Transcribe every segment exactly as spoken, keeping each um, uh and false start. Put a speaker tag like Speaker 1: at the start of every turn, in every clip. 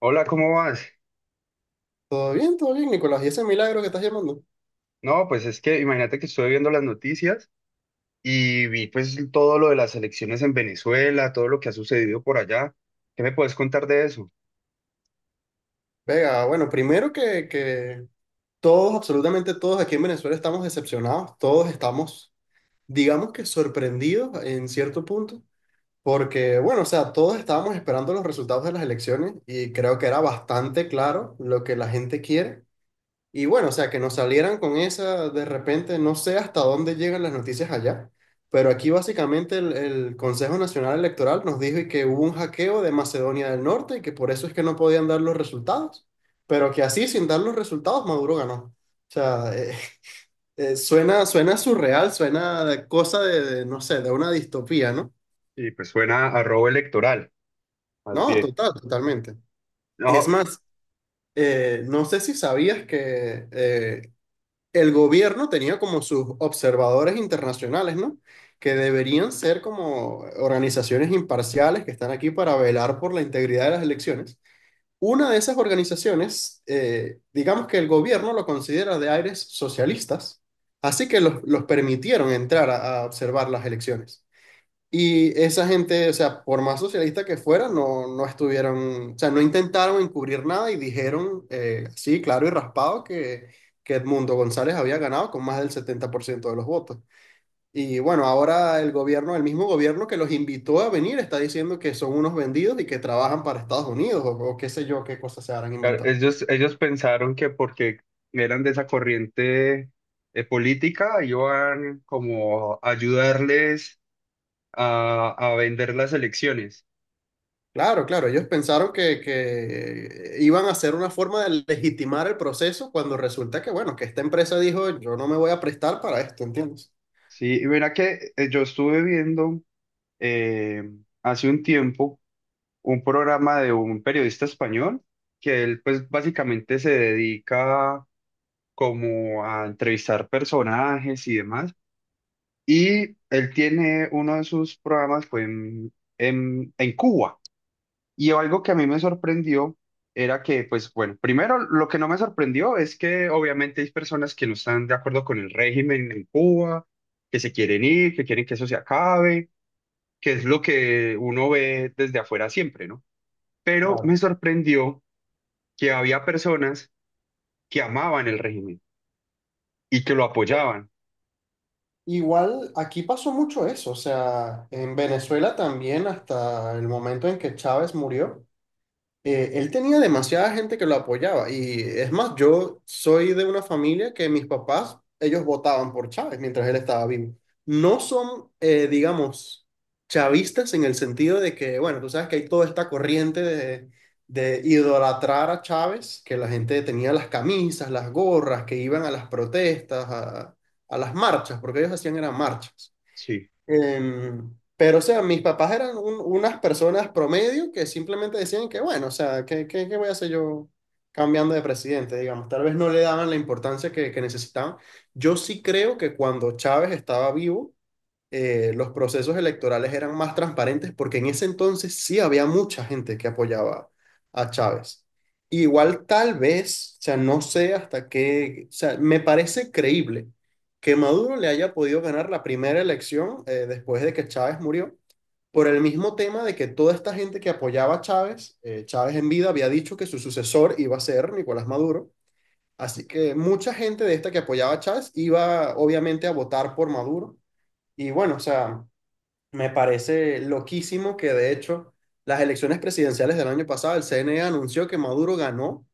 Speaker 1: Hola, ¿cómo vas?
Speaker 2: Todo bien, todo bien, Nicolás. ¿Y ese milagro que estás llamando?
Speaker 1: No, pues es que imagínate que estuve viendo las noticias y vi pues todo lo de las elecciones en Venezuela, todo lo que ha sucedido por allá. ¿Qué me puedes contar de eso?
Speaker 2: Venga, bueno, primero que, que todos, absolutamente todos aquí en Venezuela estamos decepcionados, todos estamos, digamos que sorprendidos en cierto punto, porque, bueno, o sea, todos estábamos esperando los resultados de las elecciones y creo que era bastante claro lo que la gente quiere. Y bueno, o sea, que nos salieran con esa de repente, no sé hasta dónde llegan las noticias allá, pero aquí básicamente el, el Consejo Nacional Electoral nos dijo y que hubo un hackeo de Macedonia del Norte y que por eso es que no podían dar los resultados, pero que así, sin dar los resultados, Maduro ganó. O sea, eh, eh, suena, suena surreal, suena de cosa de, de, no sé, de una distopía, ¿no?
Speaker 1: Y pues suena a robo electoral, más
Speaker 2: No,
Speaker 1: bien.
Speaker 2: total, totalmente. Es
Speaker 1: No,
Speaker 2: más, eh, no sé si sabías que eh, el gobierno tenía como sus observadores internacionales, ¿no? Que deberían ser como organizaciones imparciales que están aquí para velar por la integridad de las elecciones. Una de esas organizaciones, eh, digamos que el gobierno lo considera de aires socialistas, así que los, los permitieron entrar a a observar las elecciones. Y esa gente, o sea, por más socialista que fuera, no, no estuvieron, o sea, no intentaron encubrir nada y dijeron, eh, sí, claro y raspado, que, que Edmundo González había ganado con más del setenta por ciento de los votos. Y bueno, ahora el gobierno, el mismo gobierno que los invitó a venir, está diciendo que son unos vendidos y que trabajan para Estados Unidos o, o qué sé yo, qué cosas se habrán
Speaker 1: claro,
Speaker 2: inventado.
Speaker 1: ellos, ellos pensaron que porque eran de esa corriente eh, política iban como a ayudarles a, a vender las elecciones.
Speaker 2: Claro, claro, ellos pensaron que, que iban a hacer una forma de legitimar el proceso cuando resulta que, bueno, que esta empresa dijo, yo no me voy a prestar para esto, ¿entiendes?
Speaker 1: Sí, y mira que eh, yo estuve viendo eh, hace un tiempo un programa de un periodista español que él pues básicamente se dedica como a entrevistar personajes y demás. Y él tiene uno de sus programas fue en, en, en Cuba. Y algo que a mí me sorprendió era que pues bueno, primero lo que no me sorprendió es que obviamente hay personas que no están de acuerdo con el régimen en Cuba, que se quieren ir, que quieren que eso se acabe, que es lo que uno ve desde afuera siempre, ¿no? Pero
Speaker 2: Claro.
Speaker 1: me sorprendió que había personas que amaban el régimen y que lo apoyaban,
Speaker 2: Igual aquí pasó mucho eso, o sea, en Venezuela también hasta el momento en que Chávez murió. Eh, él tenía demasiada gente que lo apoyaba. Y es más, yo soy de una familia que mis papás, ellos votaban por Chávez mientras él estaba vivo. No son, eh, digamos, chavistas en el sentido de que, bueno, tú sabes que hay toda esta corriente de, de idolatrar a Chávez, que la gente tenía las camisas, las gorras, que iban a las protestas, a, a las marchas, porque ellos hacían eran marchas.
Speaker 1: sí.
Speaker 2: Em, pero, o sea, mis papás eran un- unas personas promedio que simplemente decían que, bueno, o sea, ¿qué, qué, qué voy a hacer yo cambiando de presidente? Digamos, tal vez no le daban la importancia que, que necesitaban. Yo sí creo que cuando Chávez estaba vivo, eh, los procesos electorales eran más transparentes porque en ese entonces sí había mucha gente que apoyaba a Chávez. Igual tal vez, o sea, no sé hasta qué, o sea, me parece creíble que Maduro le haya podido ganar la primera elección eh, después de que Chávez murió, por el mismo tema de que toda esta gente que apoyaba a Chávez, eh, Chávez en vida había dicho que su sucesor iba a ser Nicolás Maduro, así que mucha gente de esta que apoyaba a Chávez iba obviamente a votar por Maduro. Y bueno, o sea, me parece loquísimo que de hecho las elecciones presidenciales del año pasado, el C N E anunció que Maduro ganó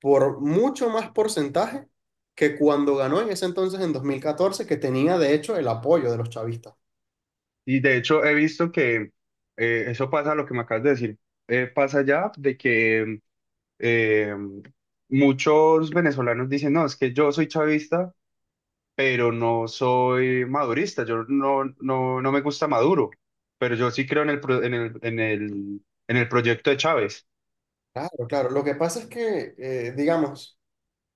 Speaker 2: por mucho más porcentaje que cuando ganó en ese entonces en dos mil catorce que tenía de hecho el apoyo de los chavistas.
Speaker 1: Y de hecho he visto que eh, eso pasa, lo que me acabas de decir, eh, pasa ya de que eh, muchos venezolanos dicen, no, es que yo soy chavista, pero no soy madurista, yo no, no, no me gusta Maduro, pero yo sí creo en el, pro- en el, en el, en el proyecto de Chávez,
Speaker 2: Claro, claro. Lo que pasa es que, eh, digamos,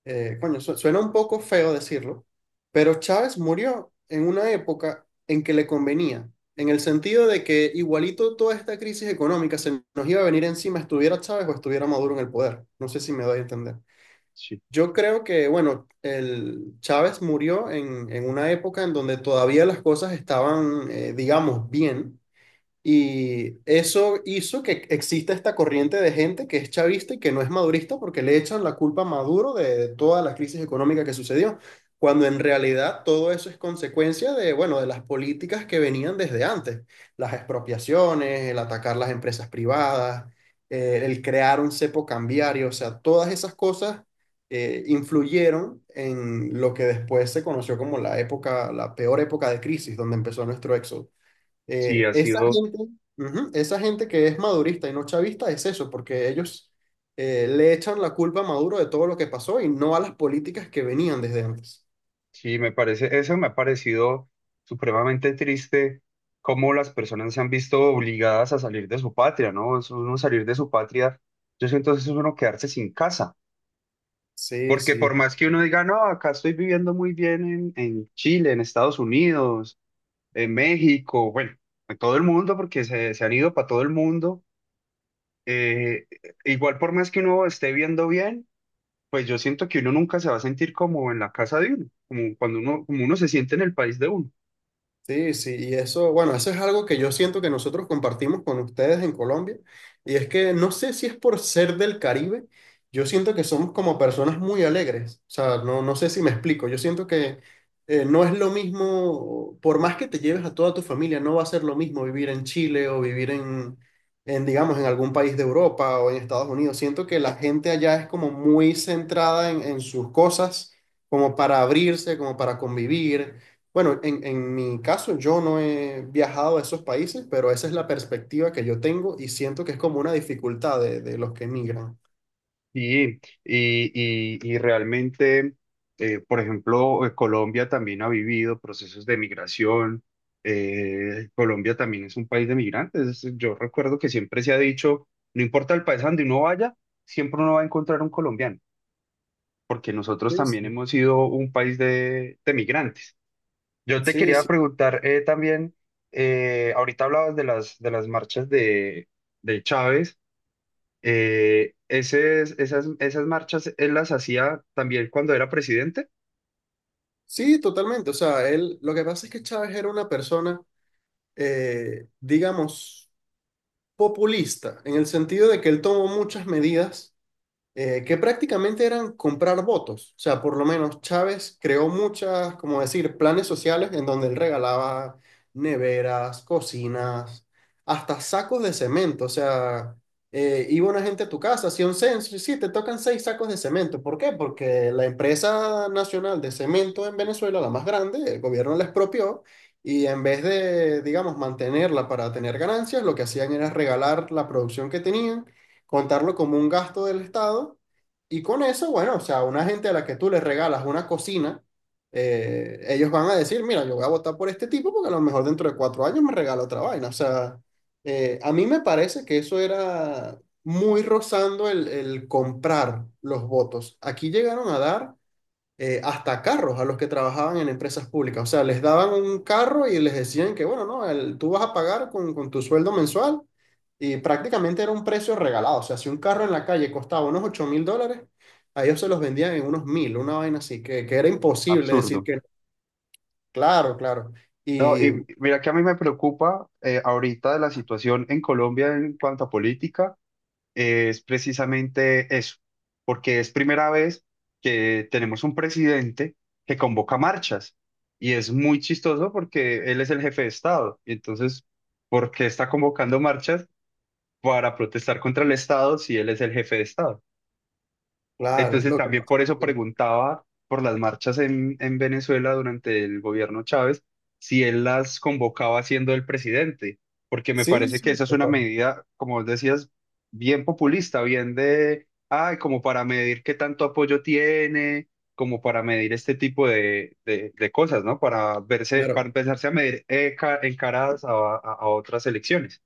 Speaker 2: eh, coño, su- suena un poco feo decirlo, pero Chávez murió en una época en que le convenía, en el sentido de que igualito toda esta crisis económica se nos iba a venir encima, estuviera Chávez o estuviera Maduro en el poder. No sé si me doy a entender.
Speaker 1: sí.
Speaker 2: Yo creo que, bueno, el Chávez murió en, en una época en donde todavía las cosas estaban, eh, digamos, bien y eso hizo que exista esta corriente de gente que es chavista y que no es madurista porque le echan la culpa a Maduro de toda la crisis económica que sucedió, cuando en realidad todo eso es consecuencia de, bueno, de las políticas que venían desde antes, las expropiaciones, el atacar las empresas privadas, eh, el crear un cepo cambiario, o sea, todas esas cosas eh, influyeron en lo que después se conoció como la época, la peor época de crisis, donde empezó nuestro éxodo.
Speaker 1: Sí,
Speaker 2: Eh,
Speaker 1: ha
Speaker 2: esa
Speaker 1: sido.
Speaker 2: gente, ujú, Esa gente que es madurista y no chavista es eso, porque ellos eh, le echan la culpa a Maduro de todo lo que pasó y no a las políticas que venían desde antes.
Speaker 1: Sí, me parece, eso me ha parecido supremamente triste, cómo las personas se han visto obligadas a salir de su patria, ¿no? Es uno salir de su patria, yo siento que es uno quedarse sin casa,
Speaker 2: Sí,
Speaker 1: porque
Speaker 2: sí.
Speaker 1: por más que uno diga, no, acá estoy viviendo muy bien en, en Chile, en Estados Unidos, en México, bueno, en todo el mundo, porque se, se han ido para todo el mundo, eh, igual por más que uno esté viendo bien, pues yo siento que uno nunca se va a sentir como en la casa de uno, como cuando uno, como uno se siente en el país de uno.
Speaker 2: Sí, sí, y eso, bueno, eso es algo que yo siento que nosotros compartimos con ustedes en Colombia, y es que no sé si es por ser del Caribe, yo siento que somos como personas muy alegres, o sea, no, no sé si me explico, yo siento que eh, no es lo mismo, por más que te lleves a toda tu familia, no va a ser lo mismo vivir en
Speaker 1: Sí.
Speaker 2: Chile o vivir en, en, digamos, en algún país de Europa o en Estados Unidos. Siento que la gente allá es como muy centrada en, en sus cosas, como para abrirse, como para convivir bueno, en, en mi caso yo no he viajado a esos países, pero esa es la perspectiva que yo tengo y siento que es como una dificultad de, de los que emigran.
Speaker 1: Sí, y, y, y realmente, eh, por ejemplo, eh, Colombia también ha vivido procesos de migración. Eh, Colombia también es un país de migrantes. Yo recuerdo que siempre se ha dicho, no importa el país a donde uno vaya, siempre uno va a encontrar un colombiano, porque nosotros
Speaker 2: Sí,
Speaker 1: también
Speaker 2: sí.
Speaker 1: hemos sido un país de, de migrantes. Yo te
Speaker 2: Sí,
Speaker 1: quería
Speaker 2: sí.
Speaker 1: preguntar eh, también, eh, ahorita hablabas de las, de las marchas de, de Chávez eh, ese es- esas, esas marchas él las hacía también cuando era presidente.
Speaker 2: Sí, totalmente. O sea, él, lo que pasa es que Chávez era una persona, eh, digamos, populista, en el sentido de que él tomó muchas medidas eh, que prácticamente eran comprar votos. O sea, por lo menos Chávez creó muchas, como decir, planes sociales en donde él regalaba neveras, cocinas, hasta sacos de cemento. O sea, eh, iba una gente a tu casa, hacía un censo, y sí, te tocan seis sacos de cemento. ¿Por qué? Porque la empresa nacional de cemento en Venezuela, la más grande, el gobierno la expropió. Y en vez de, digamos, mantenerla para tener ganancias, lo que hacían era regalar la producción que tenían contarlo como un gasto del Estado y con eso, bueno, o sea, una gente a la que tú le regalas una cocina, eh, ellos van a decir, mira, yo voy a votar por este tipo porque a lo mejor dentro de cuatro años me regala otra vaina. O sea, eh, a mí me parece que eso era muy rozando el, el comprar los votos. Aquí llegaron a dar eh, hasta carros a los que trabajaban en empresas públicas. O sea, les daban un carro y les decían que, bueno, no, el- tú vas a pagar con, con tu sueldo mensual y prácticamente era un precio regalado. O sea, si un carro en la calle costaba unos ocho mil dólares, a ellos se los vendían en unos mil, una vaina así, que, que era imposible decir
Speaker 1: Absurdo.
Speaker 2: que, claro, claro.
Speaker 1: No,
Speaker 2: Y
Speaker 1: y mira que a mí me preocupa eh, ahorita de la situación en Colombia en cuanto a política, eh, es precisamente eso, porque es primera vez que tenemos un presidente que convoca marchas y es muy chistoso porque él es el jefe de Estado. Y entonces, ¿por qué está convocando marchas para protestar contra el Estado si él es el jefe de Estado?
Speaker 2: claro,
Speaker 1: Entonces
Speaker 2: lo que
Speaker 1: también
Speaker 2: pasa-
Speaker 1: por eso preguntaba por las marchas en, en Venezuela durante el gobierno Chávez, si él las convocaba siendo el presidente, porque me
Speaker 2: sí,
Speaker 1: parece que
Speaker 2: sí,
Speaker 1: esa es una
Speaker 2: total.
Speaker 1: medida, como vos decías, bien populista, bien de, ay, como para medir qué tanto apoyo tiene, como para medir este tipo de, de- de cosas, ¿no? Para verse, para
Speaker 2: Claro.
Speaker 1: empezarse a medir eh, ca- en caras a, a a otras elecciones.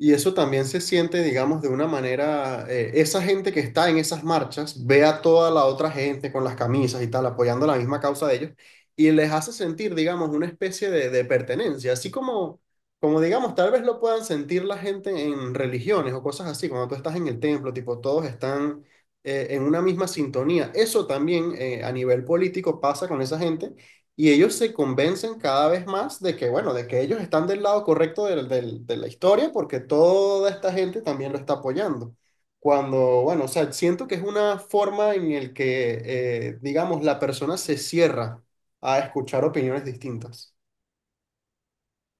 Speaker 2: Y eso también se siente, digamos, de una manera, eh, esa gente que está en esas marchas ve a toda la otra gente con las camisas y tal, apoyando la misma causa de ellos, y les hace sentir, digamos, una especie de, de pertenencia, así como, como, digamos, tal vez lo puedan sentir la gente en religiones o cosas así, cuando tú estás en el templo, tipo, todos están eh, en una misma sintonía. Eso también eh, a nivel político pasa con esa gente y ellos se convencen cada vez más de que, bueno, de que ellos están del lado correcto del- del- de la historia porque toda esta gente también lo está apoyando. Cuando, bueno, o sea, siento que es una forma en el que, eh, digamos, la persona se cierra a escuchar opiniones distintas.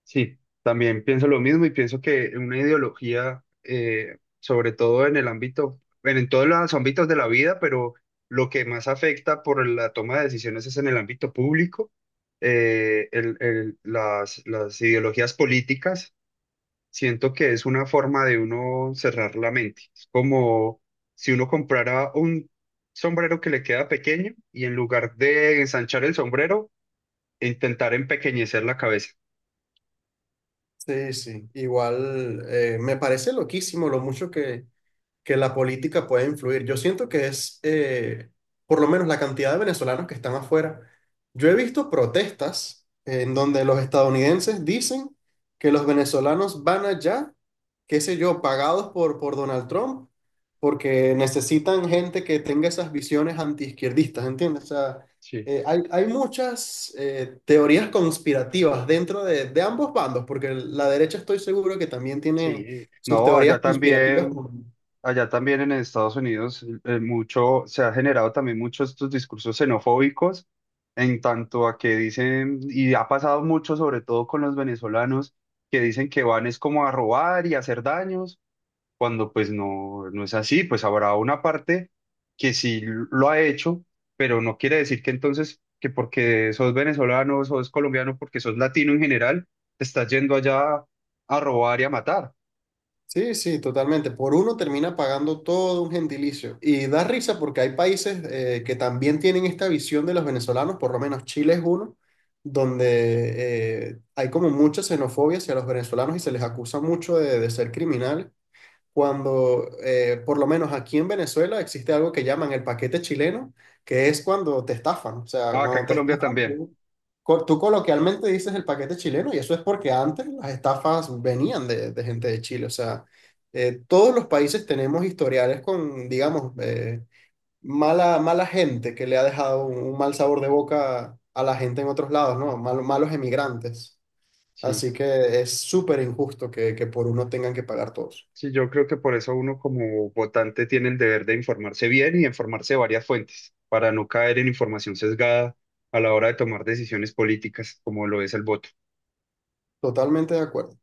Speaker 1: Sí, también pienso lo mismo y pienso que una ideología, eh, sobre todo en el ámbito, bueno, en todos los ámbitos de la vida, pero lo que más afecta por la toma de decisiones es en el ámbito público. Eh, el- el- las, las ideologías políticas, siento que es una forma de uno cerrar la mente. Es como si uno comprara un sombrero que le queda pequeño y en lugar de ensanchar el sombrero, intentar empequeñecer la cabeza.
Speaker 2: Sí, sí, igual eh, me parece loquísimo lo mucho que, que la política puede influir. Yo siento que es, eh, por lo menos la cantidad de venezolanos que están afuera. Yo he visto protestas en donde los estadounidenses dicen que los venezolanos van allá, qué sé yo, pagados por, por Donald Trump, porque necesitan gente que tenga esas visiones antiizquierdistas, ¿entiendes? O sea,
Speaker 1: Sí.
Speaker 2: eh, hay, hay muchas eh, teorías conspirativas dentro de, de ambos bandos, porque la derecha estoy seguro que también tiene
Speaker 1: Sí,
Speaker 2: sus
Speaker 1: no,
Speaker 2: teorías
Speaker 1: allá
Speaker 2: conspirativas.
Speaker 1: también, allá también en Estados Unidos eh, eh, mucho, se ha generado también muchos estos discursos xenofóbicos en tanto a que dicen, y ha pasado mucho sobre todo con los venezolanos, que dicen que van es como a robar y a hacer daños, cuando pues no, no es así, pues habrá una parte que sí lo ha hecho, pero no quiere decir que entonces, que porque sos venezolano, sos colombiano, porque sos latino en general, te estás yendo allá a robar y a matar.
Speaker 2: Sí, sí, totalmente. Por uno termina pagando todo un gentilicio. Y da risa porque hay países eh, que también tienen esta visión de los venezolanos, por lo menos Chile es uno, donde eh, hay como mucha xenofobia hacia los venezolanos y se les acusa mucho de, de ser criminales cuando, eh, por lo menos aquí en Venezuela, existe algo que llaman el paquete chileno, que es cuando te estafan. O sea,
Speaker 1: Ah, acá en
Speaker 2: cuando te
Speaker 1: Colombia
Speaker 2: estafan,
Speaker 1: también.
Speaker 2: tú, co- tú coloquialmente dices el paquete chileno y eso es porque antes las estafas venían de, de gente de Chile. O sea, eh, todos los países tenemos historiales con, digamos, eh, mala, mala gente que le ha dejado un, un mal sabor de boca a la gente en otros lados, ¿no? Mal- malos emigrantes.
Speaker 1: Sí,
Speaker 2: Así que es súper injusto que, que por uno tengan que pagar todos.
Speaker 1: sí, yo creo que por eso uno como votante tiene el deber de informarse bien y informarse de varias fuentes, para no caer en información sesgada a la hora de tomar decisiones políticas, como lo es el voto.
Speaker 2: Totalmente de acuerdo.